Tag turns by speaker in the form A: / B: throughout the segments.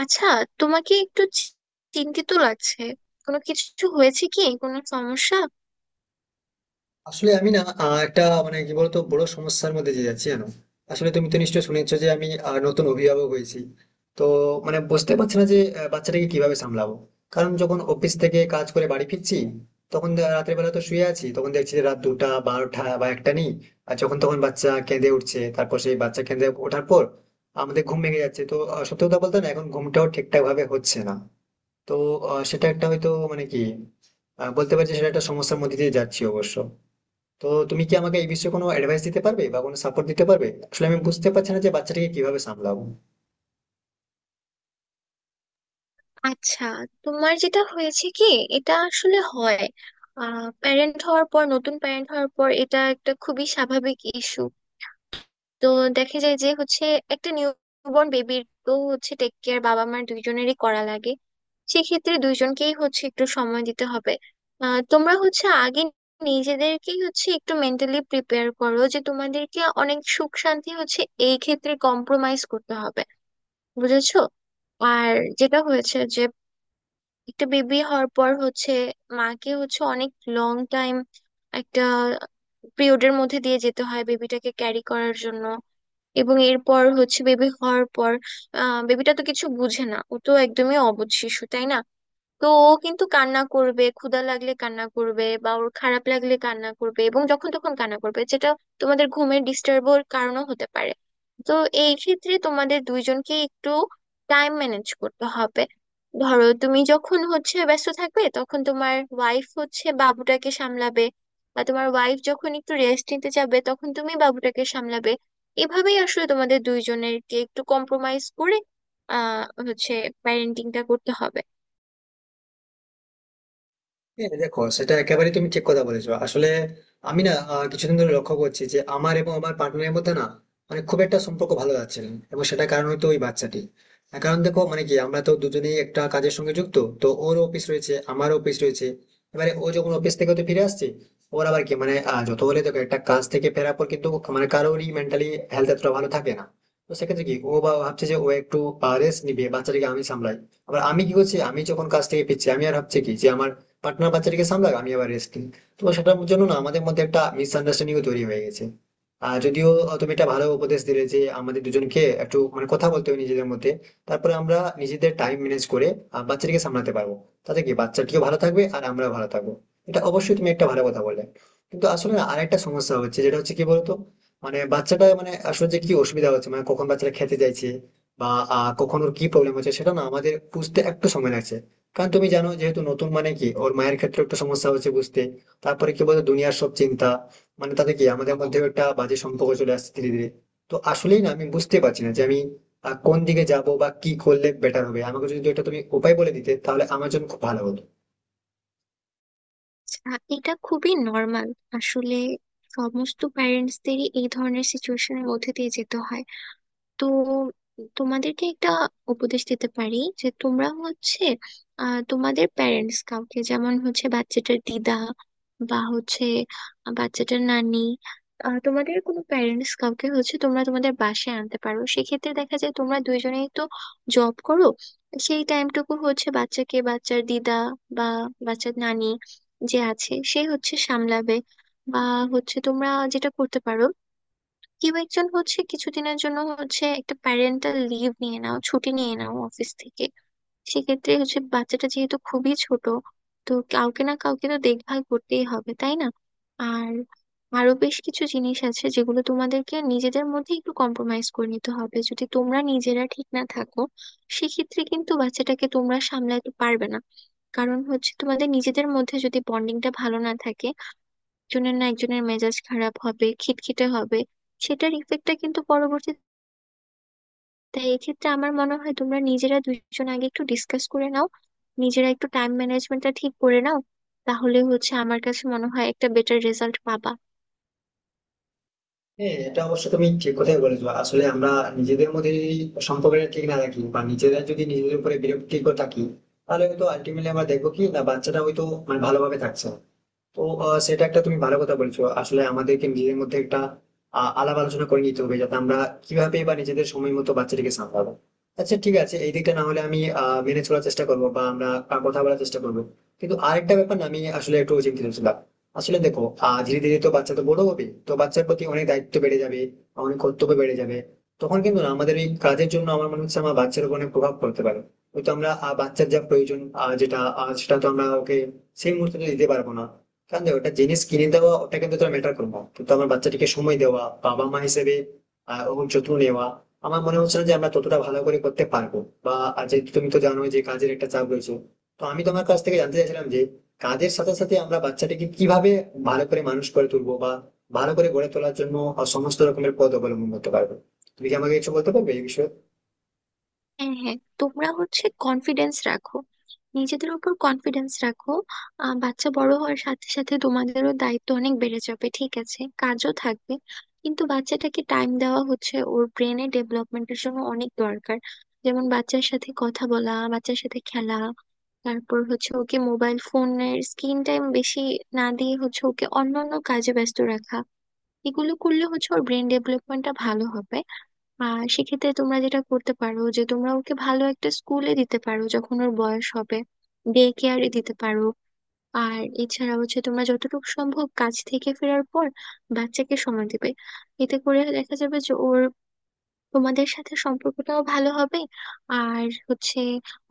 A: আচ্ছা, তোমাকে একটু চিন্তিত লাগছে। কোনো কিছু হয়েছে কি? কোনো সমস্যা?
B: আসলে আমি না একটা মানে কি বলতো বড় সমস্যার মধ্যে দিয়ে যাচ্ছি জানো। আসলে তুমি তো নিশ্চয়ই শুনেছো যে আমি নতুন অভিভাবক হয়েছি। তো মানে বুঝতে পারছি না যে বাচ্চাটাকে কিভাবে সামলাবো। কারণ যখন অফিস থেকে কাজ করে বাড়ি ফিরছি, তখন রাতের বেলা তো শুয়ে আছি, তখন দেখছি যে রাত দুটা বারোটা বা একটা নেই। আর যখন তখন বাচ্চা কেঁদে উঠছে, তারপর সেই বাচ্চা কেঁদে ওঠার পর আমাদের ঘুম ভেঙে যাচ্ছে। তো সত্যি কথা বলতে না, এখন ঘুমটাও ঠিকঠাক ভাবে হচ্ছে না। তো সেটা একটা হয়তো মানে কি বলতে পারছি সেটা একটা সমস্যার মধ্যে দিয়ে যাচ্ছি অবশ্য। তো তুমি কি আমাকে এই বিষয়ে কোনো অ্যাডভাইস দিতে পারবে বা কোনো সাপোর্ট দিতে পারবে? আসলে আমি বুঝতে পারছি না যে বাচ্চাটাকে কিভাবে সামলাবো।
A: আচ্ছা, তোমার যেটা হয়েছে কি, এটা আসলে হয়। প্যারেন্ট হওয়ার পর, নতুন প্যারেন্ট হওয়ার পর এটা একটা খুবই স্বাভাবিক ইস্যু। তো দেখা যায় যে হচ্ছে, একটা নিউবর্ন বেবির তো হচ্ছে টেক কেয়ার বাবা মার দুইজনেরই করা লাগে। সেক্ষেত্রে দুইজনকেই হচ্ছে একটু সময় দিতে হবে। তোমরা হচ্ছে আগে নিজেদেরকেই হচ্ছে একটু মেন্টালি প্রিপেয়ার করো যে তোমাদেরকে অনেক সুখ শান্তি হচ্ছে এই ক্ষেত্রে কম্প্রোমাইজ করতে হবে। বুঝেছো? আর যেটা হয়েছে যে, একটা বেবি হওয়ার পর হচ্ছে মাকে হচ্ছে অনেক লং টাইম একটা পিরিয়ডের মধ্যে দিয়ে যেতে হয় বেবিটাকে ক্যারি করার জন্য। এবং এরপর হচ্ছে বেবি হওয়ার পর আহ বেবিটা তো কিছু বুঝে না, ও তো একদমই অবুঝ শিশু, তাই না? তো ও কিন্তু কান্না করবে, ক্ষুধা লাগলে কান্না করবে বা ওর খারাপ লাগলে কান্না করবে এবং যখন তখন কান্না করবে, যেটা তোমাদের ঘুমের ডিস্টার্বের কারণও হতে পারে। তো এই ক্ষেত্রে তোমাদের দুইজনকে একটু টাইম ম্যানেজ করতে হবে। ধরো, তুমি যখন হচ্ছে ব্যস্ত থাকবে তখন তোমার ওয়াইফ হচ্ছে বাবুটাকে সামলাবে, বা তোমার ওয়াইফ যখন একটু রেস্ট নিতে যাবে তখন তুমি বাবুটাকে সামলাবে। এভাবেই আসলে তোমাদের দুইজনেরকে একটু কম্প্রোমাইজ করে আহ হচ্ছে প্যারেন্টিংটা করতে হবে।
B: হ্যাঁ দেখো, সেটা একেবারেই তুমি ঠিক কথা বলেছো। আসলে আমি না কিছুদিন ধরে লক্ষ্য করছি যে আমার এবং আমার পার্টনারের মধ্যে না মানে খুব একটা সম্পর্ক ভালো যাচ্ছে না, এবং সেটার কারণ হয়তো ওই বাচ্চাটি। তার কারণ দেখো মানে কি আমরা তো দুজনেই একটা কাজের সঙ্গে যুক্ত। তো ওর অফিস রয়েছে, আমারও অফিস রয়েছে। এবারে ও যখন অফিস থেকে তো ফিরে আসছে, ওর আবার কি মানে যত হলে দেখো একটা কাজ থেকে ফেরার পর কিন্তু মানে কারোরই মেন্টালি হেলথ এতটা ভালো থাকে না। তো সেক্ষেত্রে কি ও বা ভাবছে যে ও একটু রেস্ট নিবে, বাচ্চাটিকে আমি সামলাই। আবার আমি কি করছি, আমি যখন কাজ থেকে ফিরছি আমি আর ভাবছি কি যে আমার পার্টনার বাচ্চাটাকে সামলাক, আমি আবার রেস্ট নিই। তো সেটার জন্য না আমাদের মধ্যে একটা মিসআন্ডারস্ট্যান্ডিংও তৈরি হয়ে গেছে। আর যদিও তুমি একটা ভালো উপদেশ দিলে যে আমাদের দুজনকে একটু মানে কথা বলতে হবে নিজেদের মধ্যে, তারপরে আমরা নিজেদের টাইম ম্যানেজ করে বাচ্চাটিকে সামলাতে পারবো। তাতে কি বাচ্চাটিও ভালো থাকবে আর আমরাও ভালো থাকবো। এটা অবশ্যই তুমি একটা ভালো কথা বললে। কিন্তু আসলে না আরেকটা সমস্যা হচ্ছে, যেটা হচ্ছে কি বলতো মানে বাচ্চাটা মানে আসলে যে কি অসুবিধা হচ্ছে, মানে কখন বাচ্চাটা খেতে চাইছে বা কখন ওর কি প্রবলেম হচ্ছে সেটা না আমাদের বুঝতে একটু সময় লাগছে। কারণ তুমি জানো, যেহেতু নতুন মানে কি ওর মায়ের ক্ষেত্রে একটা সমস্যা হচ্ছে বুঝতে। তারপরে কি বলতো দুনিয়ার সব চিন্তা মানে তাতে কি আমাদের মধ্যেও একটা বাজে সম্পর্ক চলে আসছে ধীরে ধীরে। তো আসলেই না আমি বুঝতে পারছি না যে আমি কোন দিকে যাব বা কি করলে বেটার হবে। আমাকে যদি এটা তুমি উপায় বলে দিতে, তাহলে আমার জন্য খুব ভালো হতো।
A: এটা খুবই নর্মাল আসলে, সমস্ত প্যারেন্টসদেরই এই ধরনের সিচুয়েশনের মধ্যে দিয়ে যেতে হয়। তো তোমাদেরকে একটা উপদেশ দিতে পারি, যে তোমরা হচ্ছে তোমাদের প্যারেন্টস কাউকে, যেমন হচ্ছে বাচ্চাটার দিদা বা হচ্ছে বাচ্চাটার নানি, তোমাদের কোনো প্যারেন্টস কাউকে হচ্ছে তোমরা তোমাদের বাসায় আনতে পারো। সেক্ষেত্রে দেখা যায় তোমরা দুইজনেই তো জব করো, সেই টাইমটুকু হচ্ছে বাচ্চাকে বাচ্চার দিদা বা বাচ্চার নানি যে আছে সে হচ্ছে সামলাবে। বা হচ্ছে তোমরা যেটা করতে পারো, কেউ একজন হচ্ছে কিছুদিনের জন্য হচ্ছে একটা প্যারেন্টাল লিভ নিয়ে নাও, ছুটি নিয়ে নাও অফিস থেকে। সেক্ষেত্রে হচ্ছে বাচ্চাটা যেহেতু খুবই ছোট, তো কাউকে না কাউকে তো দেখভাল করতেই হবে, তাই না? আর আরো বেশ কিছু জিনিস আছে যেগুলো তোমাদেরকে নিজেদের মধ্যে একটু কম্প্রোমাইজ করে নিতে হবে। যদি তোমরা নিজেরা ঠিক না থাকো সেক্ষেত্রে কিন্তু বাচ্চাটাকে তোমরা সামলাতে পারবে না। কারণ হচ্ছে তোমাদের নিজেদের মধ্যে যদি বন্ডিংটা ভালো না থাকে, একজনের না একজনের মেজাজ খারাপ হবে, খিটখিটে হবে, সেটার ইফেক্টটা কিন্তু পরবর্তীতে। তাই এক্ষেত্রে আমার মনে হয় তোমরা নিজেরা দুজন আগে একটু ডিসকাস করে নাও, নিজেরা একটু টাইম ম্যানেজমেন্টটা ঠিক করে নাও, তাহলে হচ্ছে আমার কাছে মনে হয় একটা বেটার রেজাল্ট পাবা।
B: হ্যাঁ এটা অবশ্য তুমি ঠিক কথাই বলেছো। আসলে আমরা নিজেদের মধ্যে যদি সম্পর্কটা ঠিক না রাখি বা নিজেরা যদি নিজেদের উপরে বিরক্তিকর থাকি, তাহলে হয়তো আলটিমেটলি আমরা দেখবো কি না বাচ্চাটা হয়তো মানে ভালোভাবে থাকছে না। তো সেটা একটা তুমি ভালো কথা বলছো। আসলে আমাদেরকে নিজেদের মধ্যে একটা আলাপ আলোচনা করে নিতে হবে, যাতে আমরা কিভাবে বা নিজেদের সময় মতো বাচ্চাটিকে সামলাবো। আচ্ছা ঠিক আছে, এই দিকটা না হলে আমি মেনে চলার চেষ্টা করবো বা আমরা কথা বলার চেষ্টা করবো। কিন্তু আরেকটা ব্যাপার না, আমি আসলে একটু চিন্তিত ছিলাম। আসলে দেখো ধীরে ধীরে তো বাচ্চা তো বড় হবে, তো বাচ্চার প্রতি অনেক দায়িত্ব বেড়ে যাবে, অনেক কর্তব্য বেড়ে যাবে। তখন কিন্তু না আমাদের এই কাজের জন্য আমার মনে হচ্ছে আমার বাচ্চার উপর অনেক প্রভাব পড়তে পারে। হয়তো আমরা বাচ্চার যা প্রয়োজন যেটা সেটা তো আমরা ওকে সেই মুহূর্তে তো দিতে পারবো না। কারণ দেখ, ওটা জিনিস কিনে দেওয়া ওটা কিন্তু তোর ম্যাটার করবো, কিন্তু আমার বাচ্চাটিকে সময় দেওয়া, বাবা মা হিসেবে ওর যত্ন নেওয়া, আমার মনে হচ্ছে না যে আমরা ততটা ভালো করে করতে পারবো। বা আর যেহেতু তুমি তো জানো যে কাজের একটা চাপ রয়েছে। তো আমি তোমার কাছ থেকে জানতে চাইছিলাম যে কাজের সাথে সাথে আমরা বাচ্চাটিকে কিভাবে ভালো করে মানুষ করে তুলবো বা ভালো করে গড়ে তোলার জন্য সমস্ত রকমের পদ অবলম্বন করতে পারবো। তুমি কি আমাকে কিছু বলতে পারবে এই বিষয়ে?
A: হ্যাঁ হ্যাঁ, তোমরা হচ্ছে কনফিডেন্স রাখো, নিজেদের উপর কনফিডেন্স রাখো। বাচ্চা বড় হওয়ার সাথে সাথে তোমাদেরও দায়িত্ব অনেক বেড়ে যাবে, ঠিক আছে, কাজও থাকবে, কিন্তু বাচ্চাটাকে টাইম দেওয়া হচ্ছে ওর ব্রেনের ডেভেলপমেন্টের জন্য অনেক দরকার। যেমন বাচ্চার সাথে কথা বলা, বাচ্চার সাথে খেলা, তারপর হচ্ছে ওকে মোবাইল ফোনের স্ক্রিন টাইম বেশি না দিয়ে হচ্ছে ওকে অন্যান্য কাজে ব্যস্ত রাখা। এগুলো করলে হচ্ছে ওর ব্রেন ডেভেলপমেন্টটা ভালো হবে। আর সেক্ষেত্রে তোমরা যেটা করতে পারো যে তোমরা ওকে ভালো একটা স্কুলে দিতে পারো যখন ওর বয়স হবে, ডে কেয়ারে দিতে পারো। আর এছাড়া হচ্ছে তোমরা যতটুকু সম্ভব কাজ থেকে ফেরার পর বাচ্চাকে সময় দেবে। এতে করে দেখা যাবে যে ওর তোমাদের সাথে সম্পর্কটাও ভালো হবে আর হচ্ছে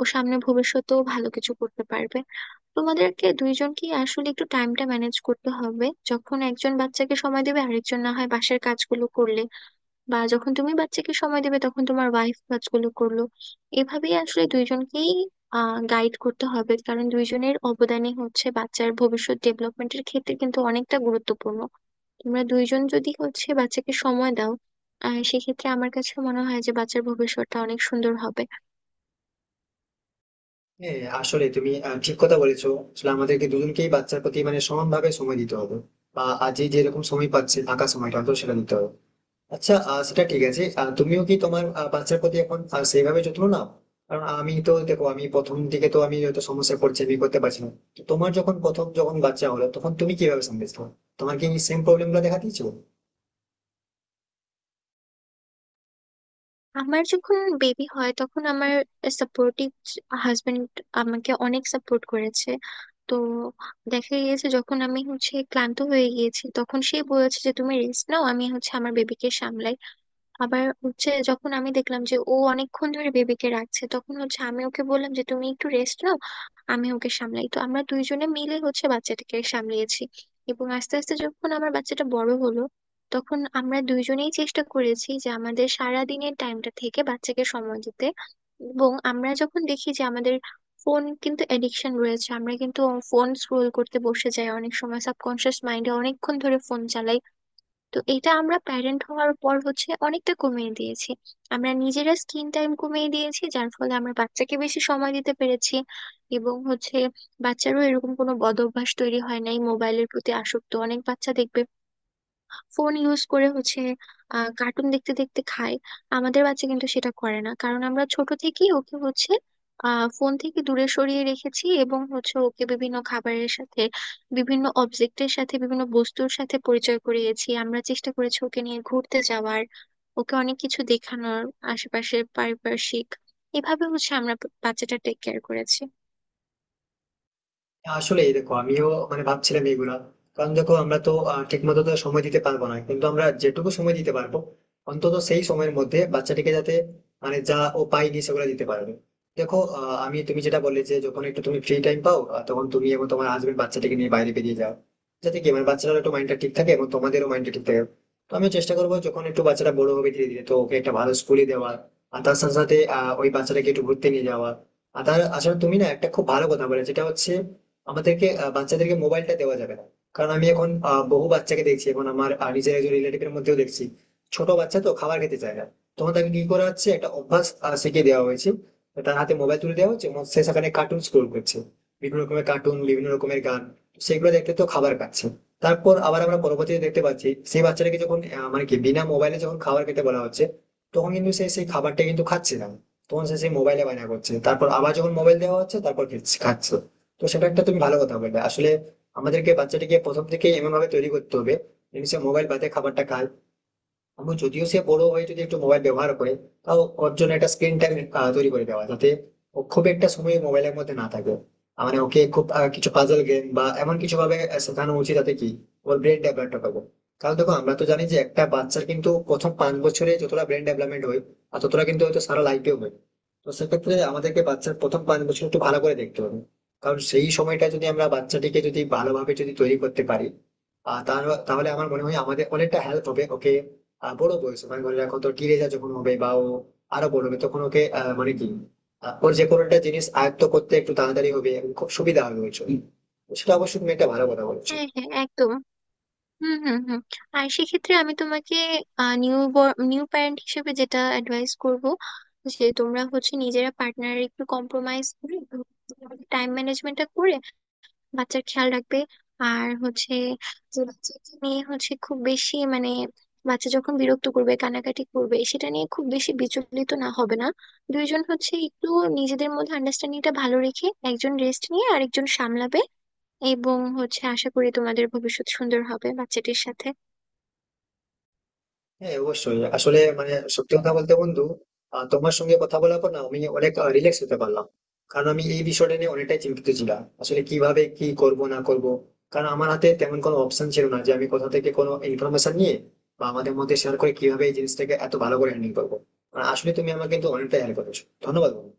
A: ও সামনে ভবিষ্যতেও ভালো কিছু করতে পারবে। তোমাদেরকে দুইজনকে আসলে একটু টাইমটা ম্যানেজ করতে হবে, যখন একজন বাচ্চাকে সময় দেবে আরেকজন না হয় বাসার কাজগুলো করলে, বা যখন তুমি বাচ্চাকে সময় দেবে তখন তোমার ওয়াইফ কাজগুলো করলো। এভাবেই আসলে দুইজনকেই গাইড করতে হবে, কারণ দুইজনের অবদানই হচ্ছে বাচ্চার ভবিষ্যৎ ডেভেলপমেন্টের ক্ষেত্রে কিন্তু অনেকটা গুরুত্বপূর্ণ। তোমরা দুইজন যদি হচ্ছে বাচ্চাকে সময় দাও আহ সেক্ষেত্রে আমার কাছে মনে হয় যে বাচ্চার ভবিষ্যৎটা অনেক সুন্দর হবে।
B: হ্যাঁ আসলে তুমি ঠিক কথা বলেছো। আসলে আমাদেরকে দুজনকেই বাচ্চার প্রতি মানে সমানভাবে সময় দিতে হবে। বা আজ যেরকম সময় পাচ্ছে, ফাঁকা সময়টা তো সেটা দিতে হবে। আচ্ছা সেটা ঠিক আছে, তুমিও কি তোমার বাচ্চার প্রতি এখন সেইভাবে যত্ন নাও? কারণ আমি তো দেখো আমি প্রথম দিকে তো আমি হয়তো সমস্যায় পড়ছি, আমি করতে পারছি না। তো তোমার যখন প্রথম যখন বাচ্চা হলো তখন তুমি কিভাবে সামলেছো? তোমার কি সেম প্রবলেম গুলো দেখা দিয়েছো?
A: আমার যখন বেবি হয় তখন আমার সাপোর্টিভ হাজবেন্ড আমাকে অনেক সাপোর্ট করেছে। তো দেখা গিয়েছে যখন আমি হচ্ছে ক্লান্ত হয়ে গিয়েছি তখন সে বলেছে যে তুমি রেস্ট নাও, আমি হচ্ছে আমার বেবিকে সামলাই। আবার হচ্ছে যখন আমি দেখলাম যে ও অনেকক্ষণ ধরে বেবিকে রাখছে তখন হচ্ছে আমি ওকে বললাম যে তুমি একটু রেস্ট নাও, আমি ওকে সামলাই। তো আমরা দুইজনে মিলে হচ্ছে বাচ্চাটাকে সামলিয়েছি। এবং আস্তে আস্তে যখন আমার বাচ্চাটা বড় হলো তখন আমরা দুইজনেই চেষ্টা করেছি যে আমাদের সারা দিনের টাইমটা থেকে বাচ্চাকে সময় দিতে। এবং আমরা যখন দেখি যে আমাদের ফোন কিন্তু এডিকশন রয়েছে, আমরা কিন্তু ফোন স্ক্রোল করতে বসে যাই অনেক সময়, সাবকনশিয়াস মাইন্ডে অনেকক্ষণ ধরে ফোন চালাই, তো এটা আমরা প্যারেন্ট হওয়ার পর হচ্ছে অনেকটা কমিয়ে দিয়েছি। আমরা নিজেরা স্ক্রিন টাইম কমিয়ে দিয়েছি, যার ফলে আমরা বাচ্চাকে বেশি সময় দিতে পেরেছি। এবং হচ্ছে বাচ্চারও এরকম কোনো বদ অভ্যাস তৈরি হয় নাই। মোবাইলের প্রতি আসক্ত অনেক বাচ্চা দেখবে ফোন ইউজ করে হচ্ছে আহ কার্টুন দেখতে দেখতে খায়। আমাদের বাচ্চা কিন্তু সেটা করে না, কারণ আমরা ছোট থেকেই ওকে হচ্ছে আহ ফোন থেকে দূরে সরিয়ে রেখেছি এবং হচ্ছে ওকে বিভিন্ন খাবারের সাথে, বিভিন্ন অবজেক্টের সাথে, বিভিন্ন বস্তুর সাথে পরিচয় করিয়েছি। আমরা চেষ্টা করেছি ওকে নিয়ে ঘুরতে যাওয়ার, ওকে অনেক কিছু দেখানোর, আশেপাশে পারিপার্শ্বিক। এভাবে হচ্ছে আমরা বাচ্চাটা টেক কেয়ার করেছি।
B: আসলেই দেখো আমিও মানে ভাবছিলাম এগুলা। কারণ দেখো আমরা তো ঠিক মতো তো সময় দিতে পারবো না, কিন্তু আমরা যেটুকু সময় দিতে পারবো অন্তত সেই সময়ের মধ্যে বাচ্চাটিকে যাতে মানে যা ও পায়নি সেগুলো দিতে পারবে। দেখো আমি তুমি যেটা বললে যে যখন একটু তুমি ফ্রি টাইম পাও তখন তুমি এবং তোমার হাজবেন্ড বাচ্চাটিকে নিয়ে বাইরে বেরিয়ে যাও, যাতে কি মানে বাচ্চাটার একটু মাইন্ডটা ঠিক থাকে এবং তোমাদেরও মাইন্ডটা ঠিক থাকে। তো আমি চেষ্টা করবো যখন একটু বাচ্চাটা বড় হবে ধীরে ধীরে তো ওকে একটা ভালো স্কুলে দেওয়া, আর তার সাথে সাথে ওই বাচ্চাটাকে একটু ঘুরতে নিয়ে যাওয়া। আর তার আসলে তুমি না একটা খুব ভালো কথা বলে, যেটা হচ্ছে আমাদেরকে বাচ্চাদেরকে মোবাইলটা দেওয়া যাবে না। কারণ আমি এখন বহু বাচ্চাকে দেখছি, এখন আমার নিজের একজন রিলেটিভের মধ্যেও দেখছি। ছোট বাচ্চা তো খাবার খেতে চায় না, তখন তাকে কি করা হচ্ছে, একটা অভ্যাস শিখিয়ে দেওয়া হয়েছে। তার হাতে মোবাইল তুলে দেওয়া হচ্ছে এবং সে সেখানে কার্টুন স্ক্রোল করছে, বিভিন্ন রকমের কার্টুন বিভিন্ন রকমের গান। সেগুলো দেখতে তো খাবার খাচ্ছে। তারপর আবার আমরা পরবর্তীতে দেখতে পাচ্ছি, সেই বাচ্চাটাকে যখন মানে কি বিনা মোবাইলে যখন খাবার খেতে বলা হচ্ছে, তখন কিন্তু সে সেই খাবারটা কিন্তু খাচ্ছে না। তখন সে সেই মোবাইলে বায়না করছে, তারপর আবার যখন মোবাইল দেওয়া হচ্ছে তারপর খাচ্ছে। তো সেটা একটা তুমি ভালো কথা বললে। আসলে আমাদেরকে বাচ্চাটিকে প্রথম থেকে এমন ভাবে তৈরি করতে হবে যেন সে মোবাইল বাদে খাবারটা খায়। আমি যদিও সে বড় হয়ে যদি একটু মোবাইল ব্যবহার করে, তাও ওর জন্য একটা স্ক্রিন টাইম তৈরি করে দেওয়া, যাতে ও খুব একটা সময় মোবাইলের মধ্যে না থাকে। মানে ওকে খুব কিছু পাজল গেম বা এমন কিছু ভাবে শেখানো উচিত যাতে কি ওর ব্রেন ডেভেলপমেন্ট হবে। কারণ দেখো, আমরা তো জানি যে একটা বাচ্চার কিন্তু প্রথম 5 বছরে যতটা ব্রেন ডেভেলপমেন্ট হয়, আর ততটা কিন্তু হয়তো সারা লাইফেও হয়। তো সেক্ষেত্রে আমাদেরকে বাচ্চার প্রথম 5 বছর একটু ভালো করে দেখতে হবে। কারণ সেই সময়টা যদি আমরা বাচ্চাটিকে যদি ভালোভাবে যদি তৈরি করতে পারি, আর তাহলে আমার মনে হয় আমাদের অনেকটা হেল্প হবে ওকে বড় বয়স মানে ধরে রাখো তো টিনেজার যখন হবে বা ও আরো বড় হবে, তখন ওকে মানে কি ওর যে কোনো একটা জিনিস আয়ত্ত করতে একটু তাড়াতাড়ি হবে এবং খুব সুবিধা হবে ওর জন্য। তো সেটা অবশ্যই তুমি একটা ভালো কথা বলেছো।
A: হ্যাঁ হ্যাঁ, একদম। হুম হুম হুম। আর সেক্ষেত্রে আমি তোমাকে নিউ নিউ প্যারেন্ট হিসেবে যেটা অ্যাডভাইস করব, যে তোমরা হচ্ছে নিজেরা পার্টনার একটু কম্প্রোমাইজ করে, টাইম ম্যানেজমেন্টটা করে বাচ্চার খেয়াল রাখবে। আর হচ্ছে যে বাচ্চাকে নিয়ে হচ্ছে খুব বেশি মানে, বাচ্চা যখন বিরক্ত করবে, কানাকাটি করবে, সেটা নিয়ে খুব বেশি বিচলিত না হবে না। দুইজন হচ্ছে একটু নিজেদের মধ্যে আন্ডারস্ট্যান্ডিংটা ভালো রেখে একজন রেস্ট নিয়ে আরেকজন সামলাবে। এবং হচ্ছে আশা করি তোমাদের ভবিষ্যৎ সুন্দর হবে বাচ্চাটির সাথে।
B: হ্যাঁ অবশ্যই। আসলে মানে সত্যি কথা বলতে বন্ধু, তোমার সঙ্গে কথা বলার পর না আমি অনেক রিল্যাক্স হতে পারলাম। কারণ আমি এই বিষয়টা নিয়ে অনেকটাই চিন্তিত ছিলাম, আসলে কিভাবে কি করব না করব। কারণ আমার হাতে তেমন কোনো অপশন ছিল না যে আমি কোথা থেকে কোনো ইনফরমেশন নিয়ে বা আমাদের মধ্যে শেয়ার করে কিভাবে এই জিনিসটাকে এত ভালো করে হ্যান্ডেল করবো। আর আসলে তুমি আমাকে কিন্তু অনেকটা হেল্প করেছো। ধন্যবাদ বন্ধু।